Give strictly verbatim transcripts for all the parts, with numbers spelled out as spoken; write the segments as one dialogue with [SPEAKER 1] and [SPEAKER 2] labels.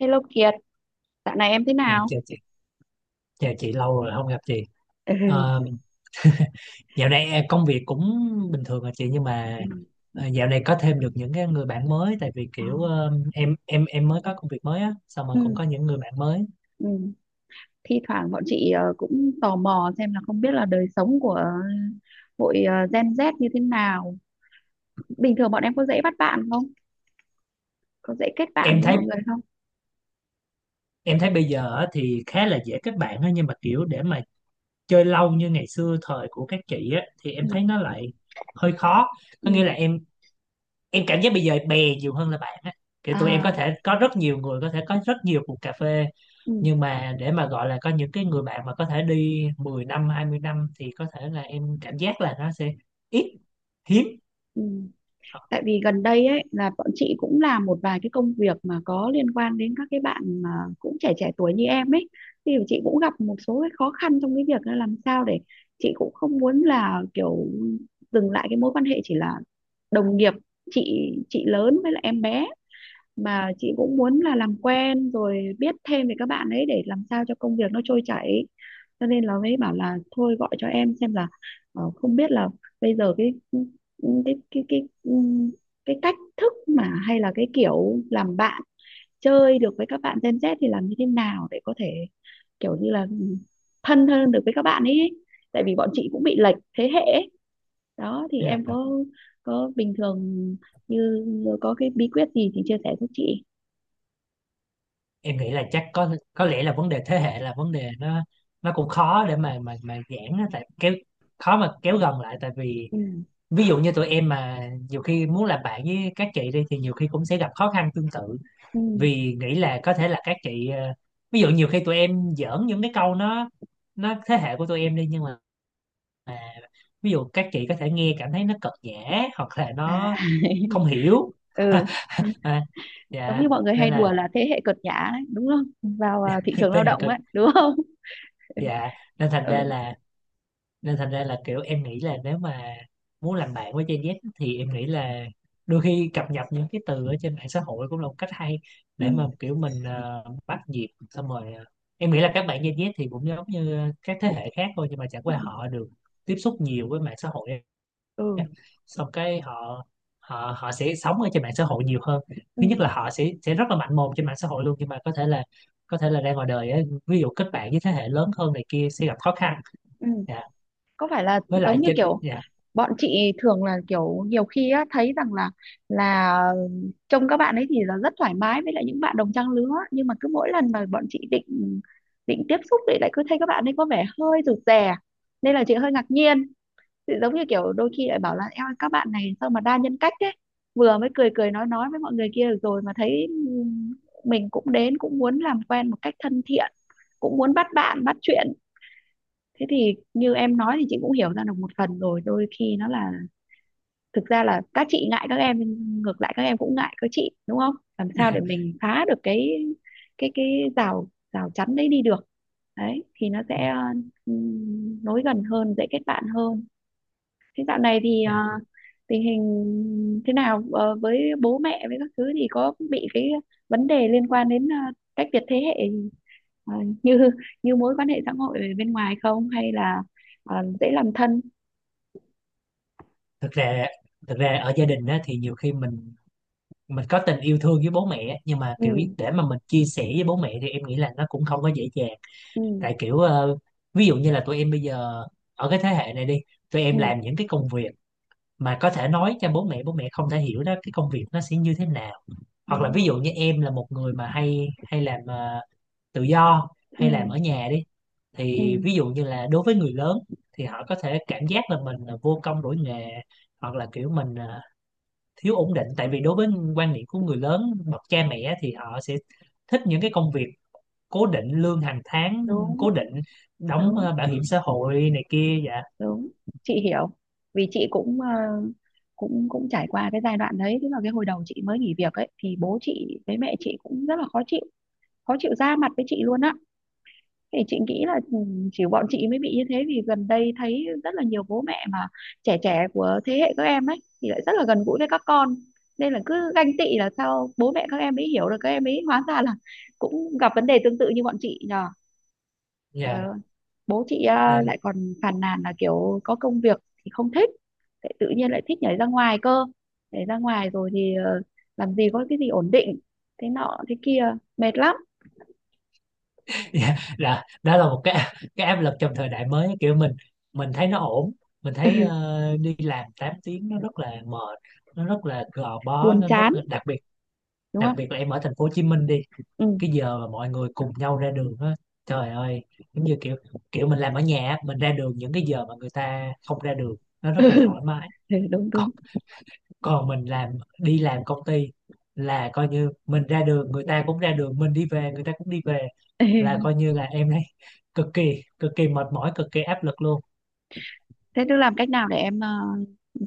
[SPEAKER 1] Hello Kiệt, dạo này em thế
[SPEAKER 2] Dạ,
[SPEAKER 1] nào?
[SPEAKER 2] chào chị, chào chị lâu rồi không gặp chị.
[SPEAKER 1] Ừ.
[SPEAKER 2] Ờ, Dạo này à, công việc cũng bình thường à chị, nhưng mà
[SPEAKER 1] Ừ.
[SPEAKER 2] à, dạo này có thêm được những cái người bạn mới tại vì
[SPEAKER 1] Ờ.
[SPEAKER 2] kiểu ờ, em em em mới có công việc mới á, xong rồi cũng
[SPEAKER 1] Ừ.
[SPEAKER 2] có những người bạn mới.
[SPEAKER 1] Ừ. Thi thoảng bọn chị ờ, cũng tò mò xem là không biết là đời sống của ờ, hội ờ, Gen Z như thế nào. Bình thường bọn em có dễ bắt bạn không? Có dễ kết bạn
[SPEAKER 2] Em
[SPEAKER 1] với
[SPEAKER 2] thấy
[SPEAKER 1] mọi người không?
[SPEAKER 2] em thấy bây giờ á thì khá là dễ kết bạn á, nhưng mà kiểu để mà chơi lâu như ngày xưa thời của các chị á thì em
[SPEAKER 1] Ừ.
[SPEAKER 2] thấy nó lại hơi khó.
[SPEAKER 1] Ừ.
[SPEAKER 2] Có nghĩa là em em cảm giác bây giờ bè nhiều hơn là bạn á. Kiểu tụi em
[SPEAKER 1] À.
[SPEAKER 2] có thể có rất nhiều người, có thể có rất nhiều cuộc cà phê,
[SPEAKER 1] Ừ.
[SPEAKER 2] nhưng mà để mà gọi là có những cái người bạn mà có thể đi mười năm, hai mươi năm thì có thể là em cảm giác là nó sẽ ít, hiếm.
[SPEAKER 1] Ừ. Tại vì gần đây ấy là bọn chị cũng làm một vài cái công việc mà có liên quan đến các cái bạn mà cũng trẻ trẻ tuổi như em ấy, thì chị cũng gặp một số cái khó khăn trong cái việc là làm sao để chị cũng không muốn là kiểu dừng lại cái mối quan hệ chỉ là đồng nghiệp, chị chị lớn với lại em bé, mà chị cũng muốn là làm quen rồi biết thêm về các bạn ấy để làm sao cho công việc nó trôi chảy, cho nên là mới bảo là thôi gọi cho em xem là ờ, không biết là bây giờ cái cái cái cái ừm, cái cách thức mà hay là cái kiểu làm bạn chơi được với các bạn Gen Z thì làm như thế nào để có thể kiểu như là thân hơn được với các bạn ấy, tại vì bọn chị cũng bị lệch thế hệ ấy. Đó thì
[SPEAKER 2] Yeah.
[SPEAKER 1] em có có bình thường như có cái bí quyết gì thì chia sẻ giúp chị.
[SPEAKER 2] Em nghĩ là chắc có có lẽ là vấn đề thế hệ, là vấn đề nó nó cũng khó để mà mà mà giãn á, tại kéo khó mà kéo gần lại. Tại vì
[SPEAKER 1] Ừ.
[SPEAKER 2] ví dụ như tụi em mà nhiều khi muốn làm bạn với các chị đi thì nhiều khi cũng sẽ gặp khó khăn tương tự,
[SPEAKER 1] Ừm.
[SPEAKER 2] vì nghĩ là có thể là các chị ờ, ví dụ nhiều khi tụi em giỡn những cái câu nó nó thế hệ của tụi em đi, nhưng mà à, ví dụ các chị có thể nghe cảm thấy nó cợt nhã hoặc là
[SPEAKER 1] À.
[SPEAKER 2] nó không hiểu.
[SPEAKER 1] Ừ.
[SPEAKER 2] À,
[SPEAKER 1] Giống
[SPEAKER 2] dạ,
[SPEAKER 1] như mọi người hay
[SPEAKER 2] nên
[SPEAKER 1] đùa
[SPEAKER 2] là
[SPEAKER 1] là thế hệ cợt nhả đấy, đúng không? Vào, à, thị trường
[SPEAKER 2] thế
[SPEAKER 1] lao
[SPEAKER 2] hệ
[SPEAKER 1] động
[SPEAKER 2] cực,
[SPEAKER 1] ấy, đúng không?
[SPEAKER 2] dạ, nên thành ra
[SPEAKER 1] Ừ.
[SPEAKER 2] là, nên thành ra là kiểu em nghĩ là nếu mà muốn làm bạn với Gen Z thì em nghĩ là đôi khi cập nhật những cái từ ở trên mạng xã hội cũng là một cách hay
[SPEAKER 1] Ừ.
[SPEAKER 2] để mà kiểu mình ờ, bắt nhịp. Xong rồi ờ, em nghĩ là các bạn Gen Z thì cũng giống như các thế hệ khác thôi, nhưng mà chẳng
[SPEAKER 1] Ừ.
[SPEAKER 2] qua họ được tiếp xúc nhiều với mạng xã hội,
[SPEAKER 1] Ừ.
[SPEAKER 2] xong cái họ họ họ sẽ sống ở trên mạng xã hội nhiều hơn. Thứ nhất
[SPEAKER 1] Ừm.
[SPEAKER 2] là họ sẽ sẽ rất là mạnh mồm trên mạng xã hội luôn, nhưng mà có thể là có thể là ra ngoài đời á, ví dụ kết bạn với thế hệ lớn hơn này kia sẽ gặp khó khăn.
[SPEAKER 1] Ừm.
[SPEAKER 2] Dạ,
[SPEAKER 1] Có phải là
[SPEAKER 2] với lại
[SPEAKER 1] giống như
[SPEAKER 2] trên,
[SPEAKER 1] kiểu
[SPEAKER 2] dạ.
[SPEAKER 1] bọn chị thường là kiểu nhiều khi á, thấy rằng là là trông các bạn ấy thì là rất thoải mái với lại những bạn đồng trang lứa, nhưng mà cứ mỗi lần mà bọn chị định định tiếp xúc thì lại cứ thấy các bạn ấy có vẻ hơi rụt rè, nên là chị hơi ngạc nhiên. Thì giống như kiểu đôi khi lại bảo là em ơi, các bạn này sao mà đa nhân cách thế, vừa mới cười cười nói nói với mọi người kia được rồi mà thấy ừm, mình cũng đến cũng muốn làm quen một cách thân thiện, cũng muốn bắt bạn bắt chuyện. Thế thì như em nói thì chị cũng hiểu ra được một phần rồi, đôi khi nó là thực ra là các chị ngại các em nhưng ngược lại các em cũng ngại các chị, đúng không, làm
[SPEAKER 2] Dạ.
[SPEAKER 1] sao để mình phá được cái cái cái rào rào chắn đấy đi được, đấy thì nó sẽ ừm, nối gần hơn, dễ kết bạn hơn. Thế dạo này thì ờ,
[SPEAKER 2] Dạ.
[SPEAKER 1] tình hình thế nào? Ờ, với bố mẹ với các thứ thì có bị cái vấn đề liên quan đến ờ, cách biệt thế hệ ờ, như như mối quan hệ xã hội ở bên ngoài không, hay là ờ, dễ làm thân?
[SPEAKER 2] Thực ra, thực ra ở gia đình á, thì nhiều khi mình mình có tình yêu thương với bố mẹ á, nhưng mà
[SPEAKER 1] Ừ.
[SPEAKER 2] kiểu để mà mình chia sẻ với bố mẹ thì em nghĩ là nó cũng không có dễ dàng.
[SPEAKER 1] Ừ.
[SPEAKER 2] Tại kiểu ờ, ví dụ như là tụi em bây giờ ở cái thế hệ này đi, tụi
[SPEAKER 1] Ừ,
[SPEAKER 2] em làm những cái công việc mà có thể nói cho bố mẹ, bố mẹ không thể hiểu đó cái công việc nó sẽ như thế nào. Hoặc là
[SPEAKER 1] đúng
[SPEAKER 2] ví dụ như
[SPEAKER 1] rồi.
[SPEAKER 2] em là một người mà hay hay làm ờ, tự do, hay làm
[SPEAKER 1] Ừ.
[SPEAKER 2] ở nhà đi, thì
[SPEAKER 1] Ừ,
[SPEAKER 2] ví dụ như là đối với người lớn thì họ có thể cảm giác là mình là vô công đổi nghề, hoặc là kiểu mình ờ, thiếu ổn định. Tại vì đối với quan niệm của người lớn, bậc cha mẹ, thì họ sẽ thích những cái công việc cố định, lương hàng tháng
[SPEAKER 1] đúng,
[SPEAKER 2] cố định, đóng
[SPEAKER 1] đúng,
[SPEAKER 2] ờ, bảo hiểm xã hội này kia. Dạ.
[SPEAKER 1] đúng. Chị hiểu. Vì chị cũng ờ, cũng cũng trải qua cái giai đoạn đấy, tức là cái hồi đầu chị mới nghỉ việc ấy thì bố chị với mẹ chị cũng rất là khó chịu, khó chịu ra mặt với chị luôn á. Thì chị nghĩ là ừ, chỉ bọn chị mới bị như thế, vì gần đây thấy rất là nhiều bố mẹ mà trẻ trẻ của thế hệ các em ấy thì lại rất là gần gũi với các con, nên là cứ ganh tị là sao bố mẹ các em ấy hiểu được các em ấy, hóa ra là cũng gặp vấn đề tương tự như bọn chị nhờ. Trời
[SPEAKER 2] Dạ
[SPEAKER 1] ơi, bố chị à,
[SPEAKER 2] nên.
[SPEAKER 1] lại còn phàn nàn là kiểu có công việc thì không thích, lại tự nhiên lại thích nhảy ra ngoài cơ, nhảy ra ngoài rồi thì ờ, làm gì có cái gì ổn định, thế nọ thế kia, mệt lắm.
[SPEAKER 2] Dạ, là đó là một cái cái áp lực trong thời đại mới. Kiểu mình mình thấy nó ổn, mình thấy ờ, đi làm tám tiếng nó rất là mệt, nó rất là gò bó,
[SPEAKER 1] Buồn
[SPEAKER 2] nó rất
[SPEAKER 1] chán,
[SPEAKER 2] là đặc biệt.
[SPEAKER 1] đúng
[SPEAKER 2] Đặc
[SPEAKER 1] không?
[SPEAKER 2] biệt là em ở thành phố Hồ Chí Minh đi, cái giờ mà mọi người cùng nhau ra đường á, trời ơi. Giống như kiểu, kiểu mình làm ở nhà á, mình ra đường những cái giờ mà người ta không ra đường, nó rất
[SPEAKER 1] Ừ.
[SPEAKER 2] là thoải mái.
[SPEAKER 1] Ừ, đúng đúng.
[SPEAKER 2] Còn mình làm, đi làm công ty, là coi như mình ra đường người ta cũng ra đường, mình đi về người ta cũng đi về, là
[SPEAKER 1] Ê,
[SPEAKER 2] coi như là em thấy cực kỳ cực kỳ mệt mỏi, cực kỳ áp lực luôn.
[SPEAKER 1] thế tức làm cách nào để em ờ,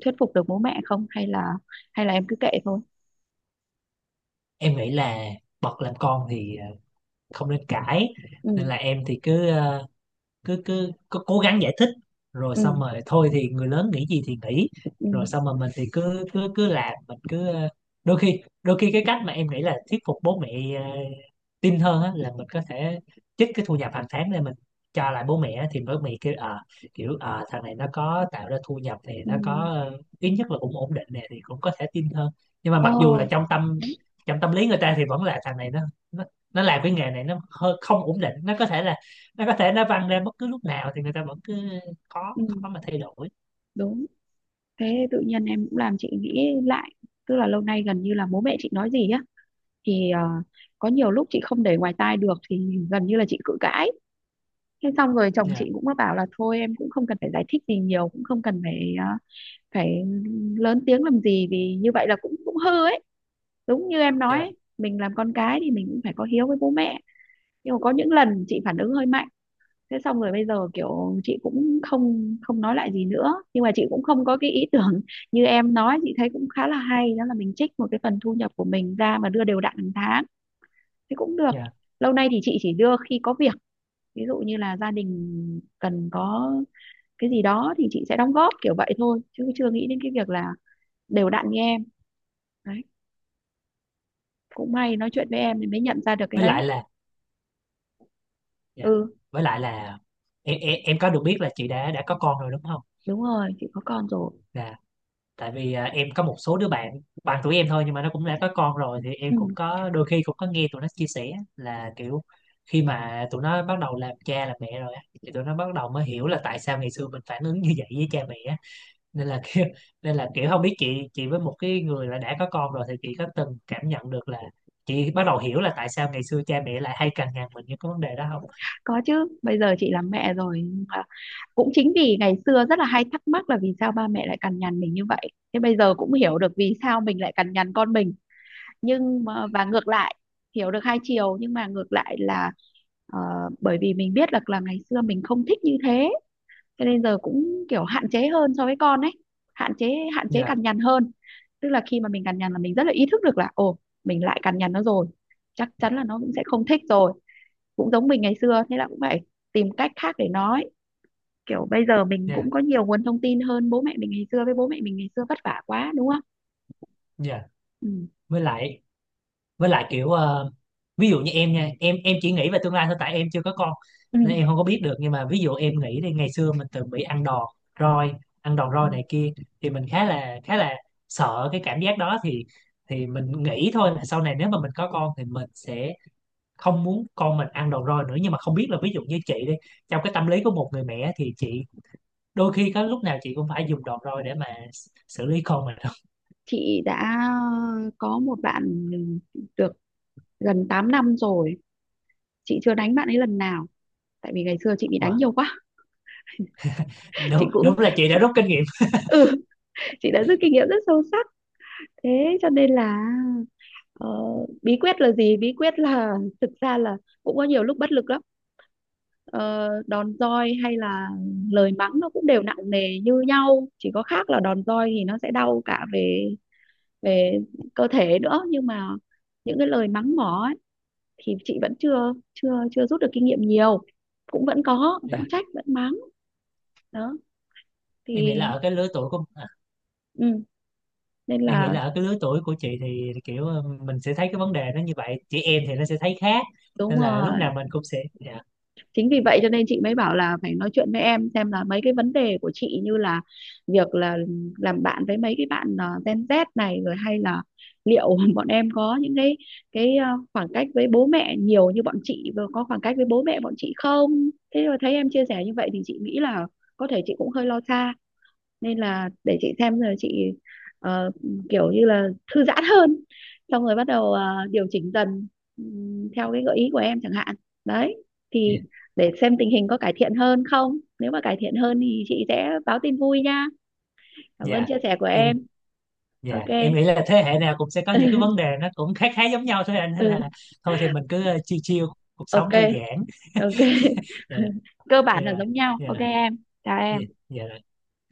[SPEAKER 1] thuyết phục được bố mẹ không, hay là hay là em cứ kệ thôi?
[SPEAKER 2] Em nghĩ là bậc làm con thì ờ, không nên cãi,
[SPEAKER 1] Ừ.
[SPEAKER 2] nên là em thì cứ ờ, cứ cứ cứ cố gắng giải thích. Rồi
[SPEAKER 1] Ừ.
[SPEAKER 2] xong rồi thôi thì người lớn nghĩ gì thì nghĩ,
[SPEAKER 1] Ừ.
[SPEAKER 2] rồi xong rồi mình thì cứ cứ cứ làm, mình cứ ờ, đôi khi đôi khi cái cách mà em nghĩ là thuyết phục bố mẹ ờ, tin hơn á, là mình có thể trích cái thu nhập hàng tháng lên, mình cho lại bố mẹ á, thì bố mẹ kêu ờ, kiểu ờ, thằng này nó có tạo ra thu nhập thì
[SPEAKER 1] Ừ.
[SPEAKER 2] nó có ờ, ít nhất là cũng ổn định nè, thì cũng có thể tin hơn. Nhưng mà
[SPEAKER 1] Ồ.
[SPEAKER 2] mặc dù là trong tâm trong tâm lý người ta thì vẫn là thằng này nó nó, nó làm cái nghề này nó hơi không ổn định, nó có thể là, nó có thể nó văng lên bất cứ lúc nào, thì người ta vẫn cứ khó
[SPEAKER 1] Ừ,
[SPEAKER 2] khó mà thay đổi.
[SPEAKER 1] đúng. Thế tự nhiên em cũng làm chị nghĩ lại, tức là lâu nay gần như là bố mẹ chị nói gì á thì ờ, có nhiều lúc chị không để ngoài tai được thì gần như là chị cự cãi. Thế xong rồi chồng
[SPEAKER 2] Dạ.
[SPEAKER 1] chị cũng có bảo là thôi em cũng không cần phải giải thích gì nhiều, cũng không cần phải ờ, phải lớn tiếng làm gì, vì như vậy là cũng cũng hư ấy, đúng như em nói
[SPEAKER 2] Dạ.
[SPEAKER 1] ấy, mình làm con cái thì mình cũng phải có hiếu với bố mẹ, nhưng mà có những lần chị phản ứng hơi mạnh. Thế xong rồi bây giờ kiểu chị cũng không không nói lại gì nữa, nhưng mà chị cũng không có cái ý tưởng như em nói. Chị thấy cũng khá là hay, đó là mình trích một cái phần thu nhập của mình ra mà đưa đều đặn hàng tháng thì cũng được.
[SPEAKER 2] Dạ,
[SPEAKER 1] Lâu nay thì chị chỉ đưa khi có việc, ví dụ như là gia đình cần có cái gì đó thì chị sẽ đóng góp kiểu vậy thôi, chứ chưa nghĩ đến cái việc là đều đặn như em. Đấy, cũng may nói chuyện với em thì mới nhận ra được cái
[SPEAKER 2] với
[SPEAKER 1] đấy.
[SPEAKER 2] lại là, dạ,
[SPEAKER 1] Ừ,
[SPEAKER 2] với lại là em, em em có được biết là chị đã đã có con rồi đúng không.
[SPEAKER 1] đúng rồi, chị có con rồi.
[SPEAKER 2] Dạ, tại vì à, em có một số đứa bạn bằng tuổi em thôi nhưng mà nó cũng đã có con rồi, thì em cũng
[SPEAKER 1] Ừ,
[SPEAKER 2] có đôi khi cũng có nghe tụi nó chia sẻ là kiểu khi mà tụi nó bắt đầu làm cha làm mẹ rồi á thì tụi nó bắt đầu mới hiểu là tại sao ngày xưa mình phản ứng như vậy với cha mẹ á. Nên là kiểu, nên là kiểu không biết chị chị với một cái người là đã có con rồi thì chị có từng cảm nhận được là chị bắt đầu hiểu là tại sao ngày xưa cha mẹ lại hay cằn nhằn mình những cái vấn đề đó không.
[SPEAKER 1] có chứ. Bây giờ chị làm mẹ rồi, nhưng mà cũng chính vì ngày xưa rất là hay thắc mắc là vì sao ba mẹ lại cằn nhằn mình như vậy, thế bây giờ cũng hiểu được vì sao mình lại cằn nhằn con mình. Nhưng mà, và ngược lại, hiểu được hai chiều nhưng mà ngược lại là ờ, bởi vì mình biết là là ngày xưa mình không thích như thế, cho nên giờ cũng kiểu hạn chế hơn so với con ấy, hạn chế, hạn chế
[SPEAKER 2] Dạ.
[SPEAKER 1] cằn nhằn hơn. Tức là khi mà mình cằn nhằn là mình rất là ý thức được là ồ, mình lại cằn nhằn nó rồi, chắc chắn là nó cũng sẽ không thích rồi, cũng giống mình ngày xưa, thế là cũng phải tìm cách khác để nói. Kiểu bây giờ mình
[SPEAKER 2] Dạ.
[SPEAKER 1] cũng có nhiều nguồn thông tin hơn bố mẹ mình ngày xưa, với bố mẹ mình ngày xưa vất vả quá, đúng không?
[SPEAKER 2] Dạ,
[SPEAKER 1] Ừ.
[SPEAKER 2] với lại, với lại kiểu ờ, ví dụ như em nha, em em chỉ nghĩ về tương lai thôi tại em chưa có con,
[SPEAKER 1] Ừ.
[SPEAKER 2] nên em không có biết được. Nhưng mà ví dụ em nghĩ đi, ngày xưa mình từng bị ăn đòn roi, ăn đòn
[SPEAKER 1] Ừ.
[SPEAKER 2] roi này kia, thì mình khá là khá là sợ cái cảm giác đó. thì thì mình nghĩ thôi là sau này nếu mà mình có con thì mình sẽ không muốn con mình ăn đồ roi nữa. Nhưng mà không biết là ví dụ như chị đi, trong cái tâm lý của một người mẹ thì chị đôi khi có lúc nào chị cũng phải dùng đồ roi để mà xử lý con mình đúng
[SPEAKER 1] Chị đã có một bạn được gần tám năm rồi, chị chưa đánh bạn ấy lần nào tại vì ngày xưa chị
[SPEAKER 2] không?
[SPEAKER 1] bị đánh
[SPEAKER 2] Ờ,
[SPEAKER 1] nhiều quá. chị
[SPEAKER 2] đúng,
[SPEAKER 1] cũng
[SPEAKER 2] đúng là chị đã
[SPEAKER 1] chị
[SPEAKER 2] rút kinh nghiệm.
[SPEAKER 1] ừ Chị đã rút kinh nghiệm rất sâu sắc, thế cho nên là ờ, bí quyết là gì, bí quyết là thực ra là cũng có nhiều lúc bất lực lắm. ờ, đòn roi hay là lời mắng nó cũng đều nặng nề như nhau, chỉ có khác là đòn roi thì nó sẽ đau cả về về cơ thể nữa, nhưng mà những cái lời mắng mỏ ấy, thì chị vẫn chưa chưa chưa rút được kinh nghiệm nhiều, cũng vẫn có
[SPEAKER 2] Dạ.
[SPEAKER 1] vẫn trách vẫn mắng. Đó
[SPEAKER 2] Em
[SPEAKER 1] thì
[SPEAKER 2] nghĩ là ở cái lứa tuổi của à,
[SPEAKER 1] ừ, nên
[SPEAKER 2] em nghĩ
[SPEAKER 1] là
[SPEAKER 2] là ở cái lứa tuổi của chị thì kiểu ờ, mình sẽ thấy cái vấn đề nó như vậy, chị em thì nó sẽ thấy khác,
[SPEAKER 1] đúng
[SPEAKER 2] nên là lúc nào
[SPEAKER 1] rồi,
[SPEAKER 2] mình cũng sẽ, dạ.
[SPEAKER 1] chính vì vậy cho nên chị mới bảo là phải nói chuyện với em xem là mấy cái vấn đề của chị, như là việc là làm bạn với mấy cái bạn ờ, Gen Z này rồi, hay là liệu bọn em có những cái cái ờ, khoảng cách với bố mẹ nhiều như bọn chị và có khoảng cách với bố mẹ bọn chị không. Thế rồi thấy em chia sẻ như vậy thì chị nghĩ là có thể chị cũng hơi lo xa, nên là để chị xem rồi chị ờ, kiểu như là thư giãn hơn, xong rồi bắt đầu ờ, điều chỉnh dần, ừm, theo cái gợi ý của em chẳng hạn. Đấy, thì
[SPEAKER 2] Dạ.
[SPEAKER 1] để xem tình hình có cải thiện hơn không, nếu mà cải thiện hơn thì chị sẽ báo tin vui nha. Cảm ơn
[SPEAKER 2] Dạ.
[SPEAKER 1] chia sẻ của
[SPEAKER 2] Em,
[SPEAKER 1] em.
[SPEAKER 2] dạ,
[SPEAKER 1] ô kê.
[SPEAKER 2] em nghĩ là thế hệ nào cũng sẽ có những cái vấn đề nó cũng khá khá giống nhau thôi anh, nên
[SPEAKER 1] Ừ.
[SPEAKER 2] là thôi thì mình cứ ờ, chill chill, cuộc sống
[SPEAKER 1] ô kê.
[SPEAKER 2] thư giãn.
[SPEAKER 1] OK.
[SPEAKER 2] Dạ.
[SPEAKER 1] Cơ
[SPEAKER 2] Dạ
[SPEAKER 1] bản là
[SPEAKER 2] rồi,
[SPEAKER 1] giống nhau,
[SPEAKER 2] dạ
[SPEAKER 1] ô kê
[SPEAKER 2] rồi,
[SPEAKER 1] em, chào
[SPEAKER 2] dạ,
[SPEAKER 1] em.
[SPEAKER 2] dạ.